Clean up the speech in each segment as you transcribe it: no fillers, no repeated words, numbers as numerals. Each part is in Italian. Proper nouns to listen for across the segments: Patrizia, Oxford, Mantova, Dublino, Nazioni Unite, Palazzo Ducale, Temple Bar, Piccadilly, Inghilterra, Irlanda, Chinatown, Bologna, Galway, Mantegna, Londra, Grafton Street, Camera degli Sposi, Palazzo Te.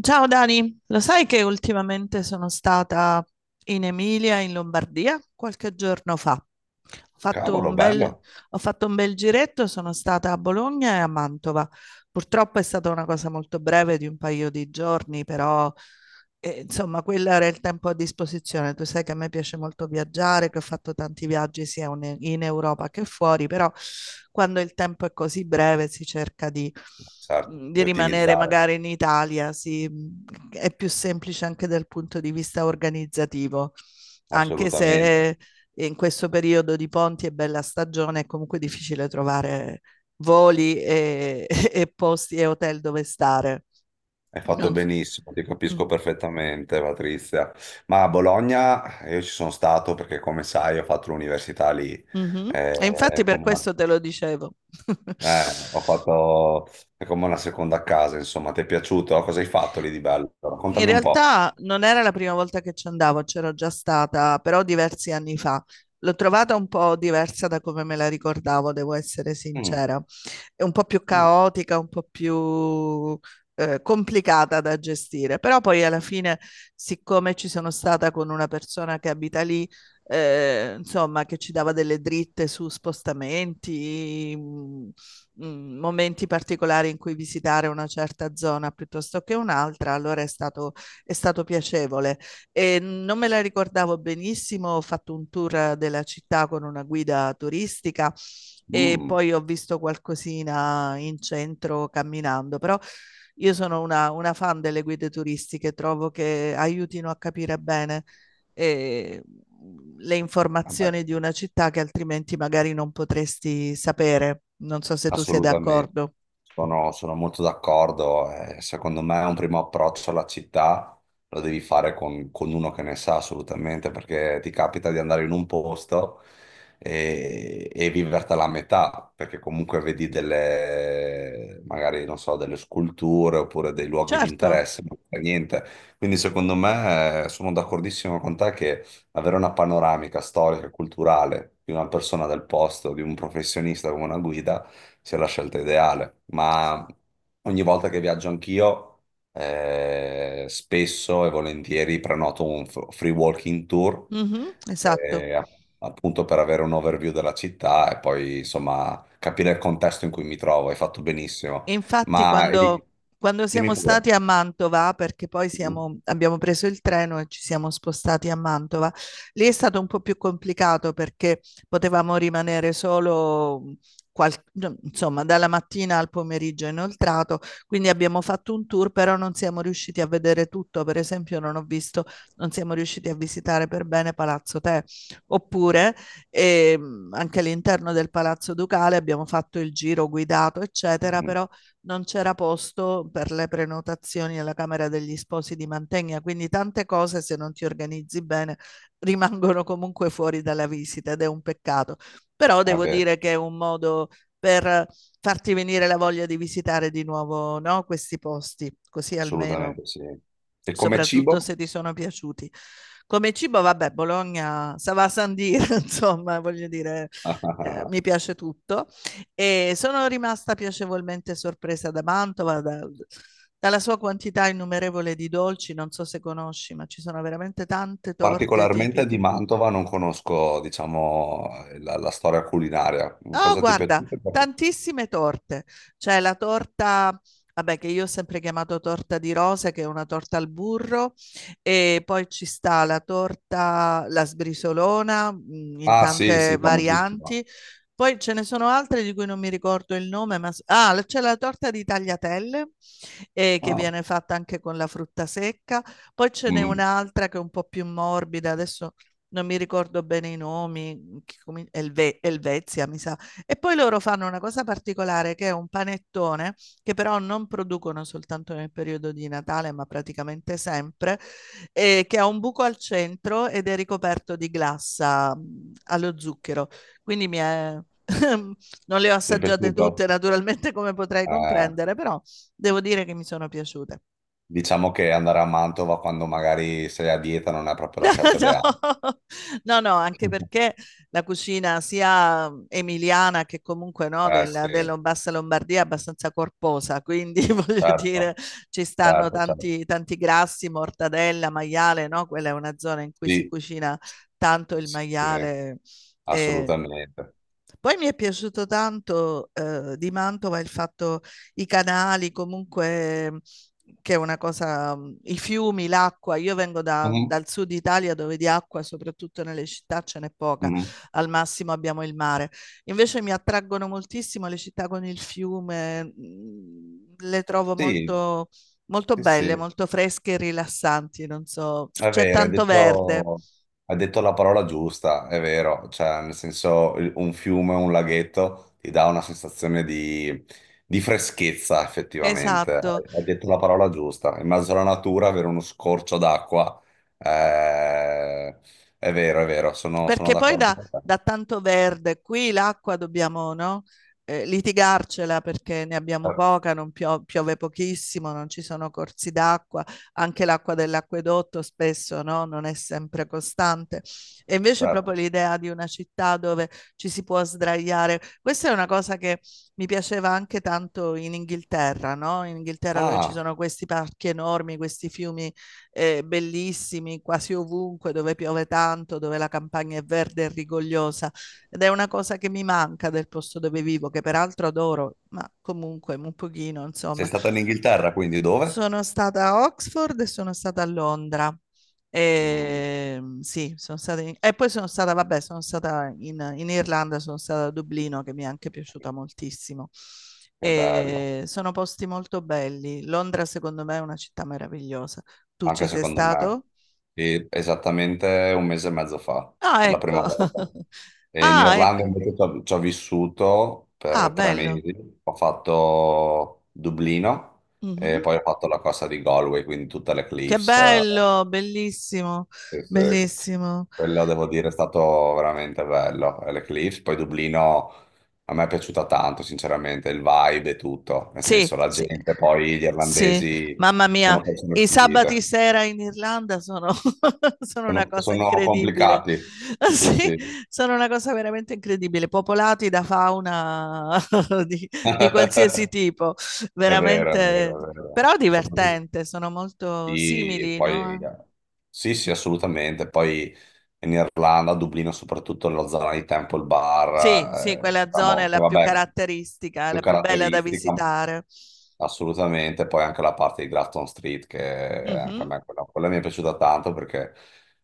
Ciao Dani, lo sai che ultimamente sono stata in Emilia, in Lombardia, qualche giorno fa. Ho fatto Cavolo, un bel, bello, ho fatto un bel giretto, sono stata a Bologna e a Mantova. Purtroppo è stata una cosa molto breve di un paio di giorni, però insomma quello era il tempo a disposizione. Tu sai che a me piace molto viaggiare, che ho fatto tanti viaggi sia in Europa che fuori, però quando il tempo è così breve si cerca di certo, mhmm, di di rimanere ottimizzare, magari in Italia, sì, è più semplice anche dal punto di vista organizzativo, anche assolutamente. se in questo periodo di ponti e bella stagione è comunque difficile trovare voli e, e posti e hotel dove stare. Hai fatto Non s- benissimo, ti capisco Mm. perfettamente, Patrizia. Ma a Bologna io ci sono stato perché, come sai, ho fatto l'università lì, Mhm. E infatti eh, per come, questo te lo dicevo. Ho fatto è come una seconda casa, insomma. Ti è piaciuto? Cosa hai fatto lì di bello? In Raccontami un po'. realtà non era la prima volta che ci andavo, c'ero già stata, però diversi anni fa. L'ho trovata un po' diversa da come me la ricordavo, devo essere Mm, sincera. È un po' più mm, caotica, un po' più complicata da gestire, però poi alla fine, siccome ci sono stata con una persona che abita lì, insomma, che ci dava delle dritte su spostamenti, mh, momenti particolari in cui visitare una certa zona piuttosto che un'altra, allora è stato piacevole. E non me la ricordavo benissimo, ho fatto un tour della città con una guida turistica e mm. poi ho visto qualcosina in centro camminando, però io sono una fan delle guide turistiche, trovo che aiutino a capire bene eh, le Vabbè. informazioni di una città che altrimenti magari non potresti sapere. Non so se tu sei Assolutamente, d'accordo. Sono molto d'accordo. Secondo me un primo approccio alla città lo devi fare con uno che ne sa assolutamente, perché ti capita di andare in un posto e vivertela a metà, perché comunque vedi delle, magari, non so, delle sculture oppure dei luoghi di Certo. interesse, ma non fai niente. Quindi secondo me sono d'accordissimo con te che avere una panoramica storica e culturale di una persona del posto, di un professionista come una guida, sia la scelta ideale, ma ogni volta che viaggio anch'io, spesso e volentieri prenoto un free walking tour, Mhm. Esatto. eh, a- appunto per avere un overview della città e poi insomma capire il contesto in cui mi trovo. Hai fatto benissimo, E infatti ma quando dimmi siamo pure. stati a Mantova, perché poi Mhm. Abbiamo preso il treno e ci siamo spostati a Mantova, lì è stato un po' più complicato perché potevamo rimanere solo, qual- insomma, dalla mattina al pomeriggio inoltrato, quindi abbiamo fatto un tour, però non siamo riusciti a vedere tutto. Per esempio, non ho visto, non siamo riusciti a visitare per bene Palazzo Te, oppure anche all'interno del Palazzo Ducale abbiamo fatto il giro guidato, eccetera, Mhm. però non c'era posto per le prenotazioni alla Camera degli Sposi di Mantegna, quindi tante cose se non ti organizzi bene rimangono comunque fuori dalla visita ed è un peccato. Però devo Vabbè, dire che è un modo per farti venire la voglia di visitare di nuovo, no, questi posti, così almeno assolutamente sì. E come soprattutto cibo? se ti sono piaciuti. Come cibo, vabbè, Bologna, ça va sans dire, insomma, voglio dire, mi piace tutto. E sono rimasta piacevolmente sorpresa da Mantova, dalla sua quantità innumerevole di dolci, non so se conosci, ma ci sono veramente tante torte Particolarmente di tipiche. Mantova non conosco, diciamo, la storia culinaria. Oh, Cosa ti è guarda, piaciuto? tantissime torte. C'è la torta, vabbè, che io ho sempre chiamato torta di rose, che è una torta al burro, e poi ci sta la torta, la sbrisolona, in Ah, sì, tante sì, famosissima. varianti. Poi ce ne sono altre di cui non mi ricordo il nome, ma c'è la torta di tagliatelle, che Ah, viene fatta anche con la frutta secca. Poi ce n'è mm, un'altra che è un po' più morbida, adesso non mi ricordo bene i nomi, che Elvezia, mi sa. E poi loro fanno una cosa particolare che è un panettone, che però non producono soltanto nel periodo di Natale, ma praticamente sempre, che ha un buco al centro ed è ricoperto di glassa allo zucchero. Quindi mi è. Non le ho ti è assaggiate tutte, piaciuto? naturalmente, come potrei Eh, comprendere, però devo dire che mi sono piaciute. diciamo che andare a Mantova quando magari sei a dieta non è proprio la scelta No, ideale. no, no, anche perché la cucina sia emiliana che comunque, no, Eh della, sì, della bassa Lombardia è abbastanza corposa, quindi voglio dire certo, ci stanno certo. tanti, tanti grassi, mortadella, maiale, no? Quella è una zona in cui si Sì, cucina tanto il sì, maiale. E assolutamente. poi mi è piaciuto tanto, di Mantova il fatto, i canali comunque, che è una cosa i fiumi, l'acqua. Io vengo da Mhm, dal sud Italia dove di acqua, soprattutto nelle città, ce n'è poca, mhm. al massimo abbiamo il mare. Invece mi attraggono moltissimo le città con il fiume, le trovo Sì, molto molto belle, sì. molto fresche e rilassanti, non so, c È c'è vero, tanto verde. Hai detto la parola giusta, è vero, cioè nel senso un fiume, un laghetto ti dà una sensazione di freschezza effettivamente, Esatto. hai detto la parola giusta, in mezzo alla natura avere uno scorcio d'acqua, eh, è vero, sono Perché poi d'accordo da, con te. da tanto verde, qui l'acqua dobbiamo, no, litigarcela perché ne abbiamo Certo, poca, non piove pochissimo, non ci sono corsi d'acqua, anche l'acqua dell'acquedotto spesso, no, non è sempre costante. E invece proprio certo. l'idea di una città dove ci si può sdraiare, questa è una cosa che mi piaceva anche tanto in Inghilterra, no? In Inghilterra dove ci Ah, sono questi parchi enormi, questi fiumi bellissimi quasi ovunque, dove piove tanto, dove la campagna è verde e rigogliosa. Ed è una cosa che mi manca del posto dove vivo, che peraltro adoro, ma comunque un pochino, sei insomma, stata in Inghilterra, quindi dove? sono stata a Oxford e sono stata a Londra. Mm, E poi sono stata, vabbè, sono stata in Irlanda, sono stata a Dublino, che mi è anche piaciuta moltissimo. che bello. E sono posti molto belli. Londra, secondo me, è una città meravigliosa. Tu ci Anche sei secondo me, stato? e esattamente un mese e mezzo fa, Ah, per la prima ecco. volta. E in Ah, Irlanda ecco. invece ci ho vissuto Ah, per tre bello. mesi, ho fatto Dublino e Mhm. poi ho fatto la costa di Galway, quindi tutte le Che cliffs. Bello, bellissimo, Sì, sì. bellissimo. Quello devo dire è stato veramente bello, le cliffs. Poi Dublino a me è piaciuta tanto, sinceramente, il vibe e tutto, nel senso Sì, la sì, gente, poi gli sì, irlandesi mamma mia, sono persone i sabati squisite. sera in Irlanda sono sono una cosa Sono incredibile. complicati. Sì, Sì, sì. sono una cosa veramente incredibile, popolati da fauna di di qualsiasi tipo, È vero, è veramente vero, è vero. però Soprattutto- divertente, sono molto Sì, simili, poi, no, sì, sì, assolutamente. Poi in Irlanda, a Dublino, soprattutto nella zona di Temple sì, sì, Bar, quella zona è diciamo, che la più vabbè, caratteristica, è più la più bella da caratteristica, visitare. assolutamente. Poi anche la parte di Grafton Street, che anche a Mh-mh. me quella mi è piaciuta tanto perché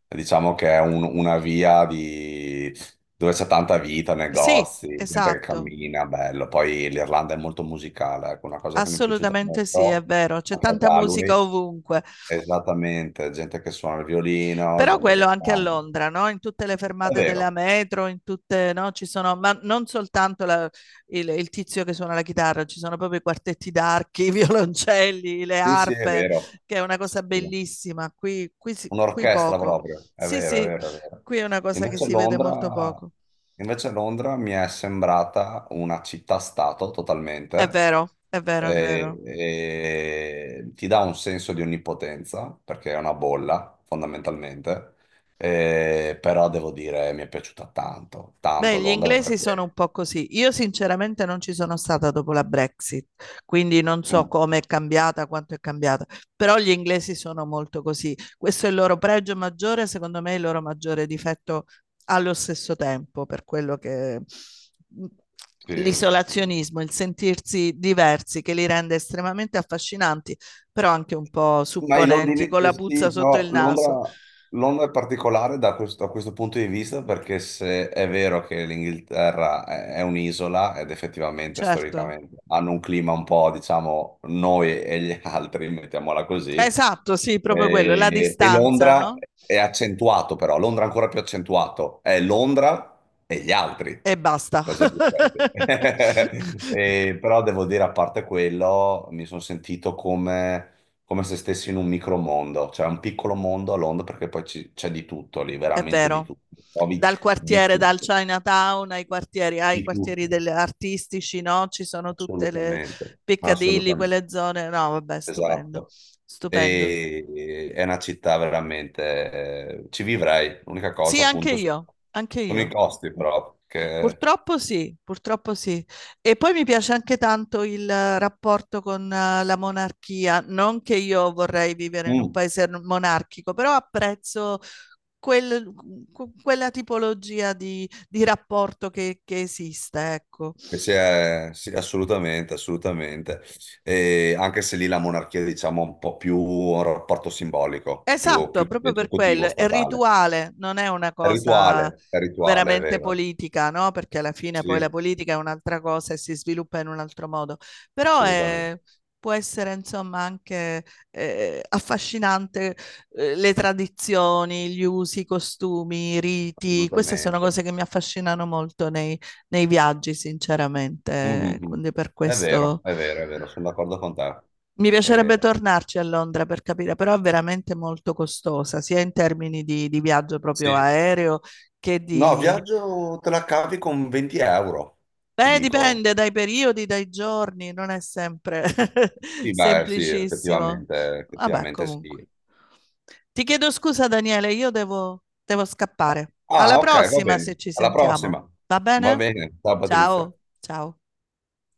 diciamo che è una via di... dove c'è tanta vita, Sì, negozi, gente che esatto. cammina, bello. Poi l'Irlanda è molto musicale, ecco, una cosa che mi è piaciuta Assolutamente sì, è molto vero, c'è anche a tanta Galway. musica ovunque. Esattamente, gente che suona il violino, Però gente quello che anche a canta. Londra, no? In tutte le È fermate della vero, metro, in tutte, no? Ci sono, ma non soltanto il tizio che suona la chitarra, ci sono proprio i quartetti d'archi, i violoncelli, le sì, sì, è arpe, vero. che è una Sì, cosa sì, sì. bellissima. Qui qui Un'orchestra poco. proprio, è Sì, vero, è sì, vero, è vero. qui è una cosa che Invece si vede molto Londra, poco. Invece Londra mi è sembrata una città-stato È totalmente, vero, è vero, è vero. e ti dà un senso di onnipotenza, perché è una bolla, fondamentalmente. E- però devo dire mi è piaciuta tanto, Beh, tanto gli Londra, inglesi sono un perché... po' così. Io sinceramente non ci sono stata dopo la Brexit, quindi non so Mm, come è cambiata, quanto è cambiata, però gli inglesi sono molto così. Questo è il loro pregio maggiore, secondo me è il loro maggiore difetto allo stesso tempo, per quello che sì. l'isolazionismo, il sentirsi diversi che li rende estremamente affascinanti, però anche un po' Ma i supponenti, londini, con la puzza sì, sotto il però naso. Londra è particolare da questo, a questo punto di vista perché se è vero che l'Inghilterra è un'isola ed effettivamente Certo. storicamente hanno un clima un po', diciamo, noi e gli altri, mettiamola così, Esatto, sì, proprio quello, la e distanza, Londra no? è accentuato però, Londra è ancora più accentuato, è Londra e gli altri, E basta. Preserve offerte. E, però devo dire, a parte quello, mi sono sentito come se stessi in un micromondo, cioè un piccolo mondo a Londra, perché poi c'è di tutto lì, È veramente di vero. tutto. Trovi Dal di quartiere, dal tutto, Chinatown ai di quartieri tutto, artistici, no? Ci sono tutte le assolutamente, Piccadilly, assolutamente, quelle zone. No, vabbè, stupendo, esatto. stupendo. E è una città veramente, ci vivrei. L'unica Sì, cosa, anche appunto, io, anche sono i io. costi, però, che... Purtroppo sì, purtroppo sì. E poi mi piace anche tanto il rapporto con la monarchia, non che io vorrei vivere in un Mm. paese monarchico, però apprezzo quel- quella tipologia di rapporto che esiste, ecco. Sì, sì, sì, assolutamente, assolutamente. E anche se lì la monarchia, diciamo, ha un po' più un rapporto simbolico, Esatto, più che proprio per esecutivo, quello. È statale. rituale, non è una cosa È rituale, è veramente vero. politica, no? Perché alla fine poi la Sì, politica è un'altra cosa e si sviluppa in un altro modo. Però assolutamente, può essere, insomma, anche affascinante, le tradizioni, gli usi, i costumi, i riti. Queste sono assolutamente. cose che mi affascinano molto nei, nei viaggi, sinceramente. Mhm. Quindi per È vero, questo. Sono d'accordo con te. Mi piacerebbe Eh, tornarci a Londra per capire, però è veramente molto costosa, sia in termini di viaggio proprio sì. aereo che No, di. viaggio te la cavi con 20 euro, ti Beh, dico. dipende dai periodi, dai giorni, non è sempre Sì, beh, sì, semplicissimo. effettivamente, Vabbè, effettivamente comunque. sì. Ti chiedo scusa, Daniele, io devo scappare. Alla Ah, ok, va prossima se bene. ci Alla prossima. sentiamo. Va Va bene? bene. Ciao, Patrizia. Ciao, ciao.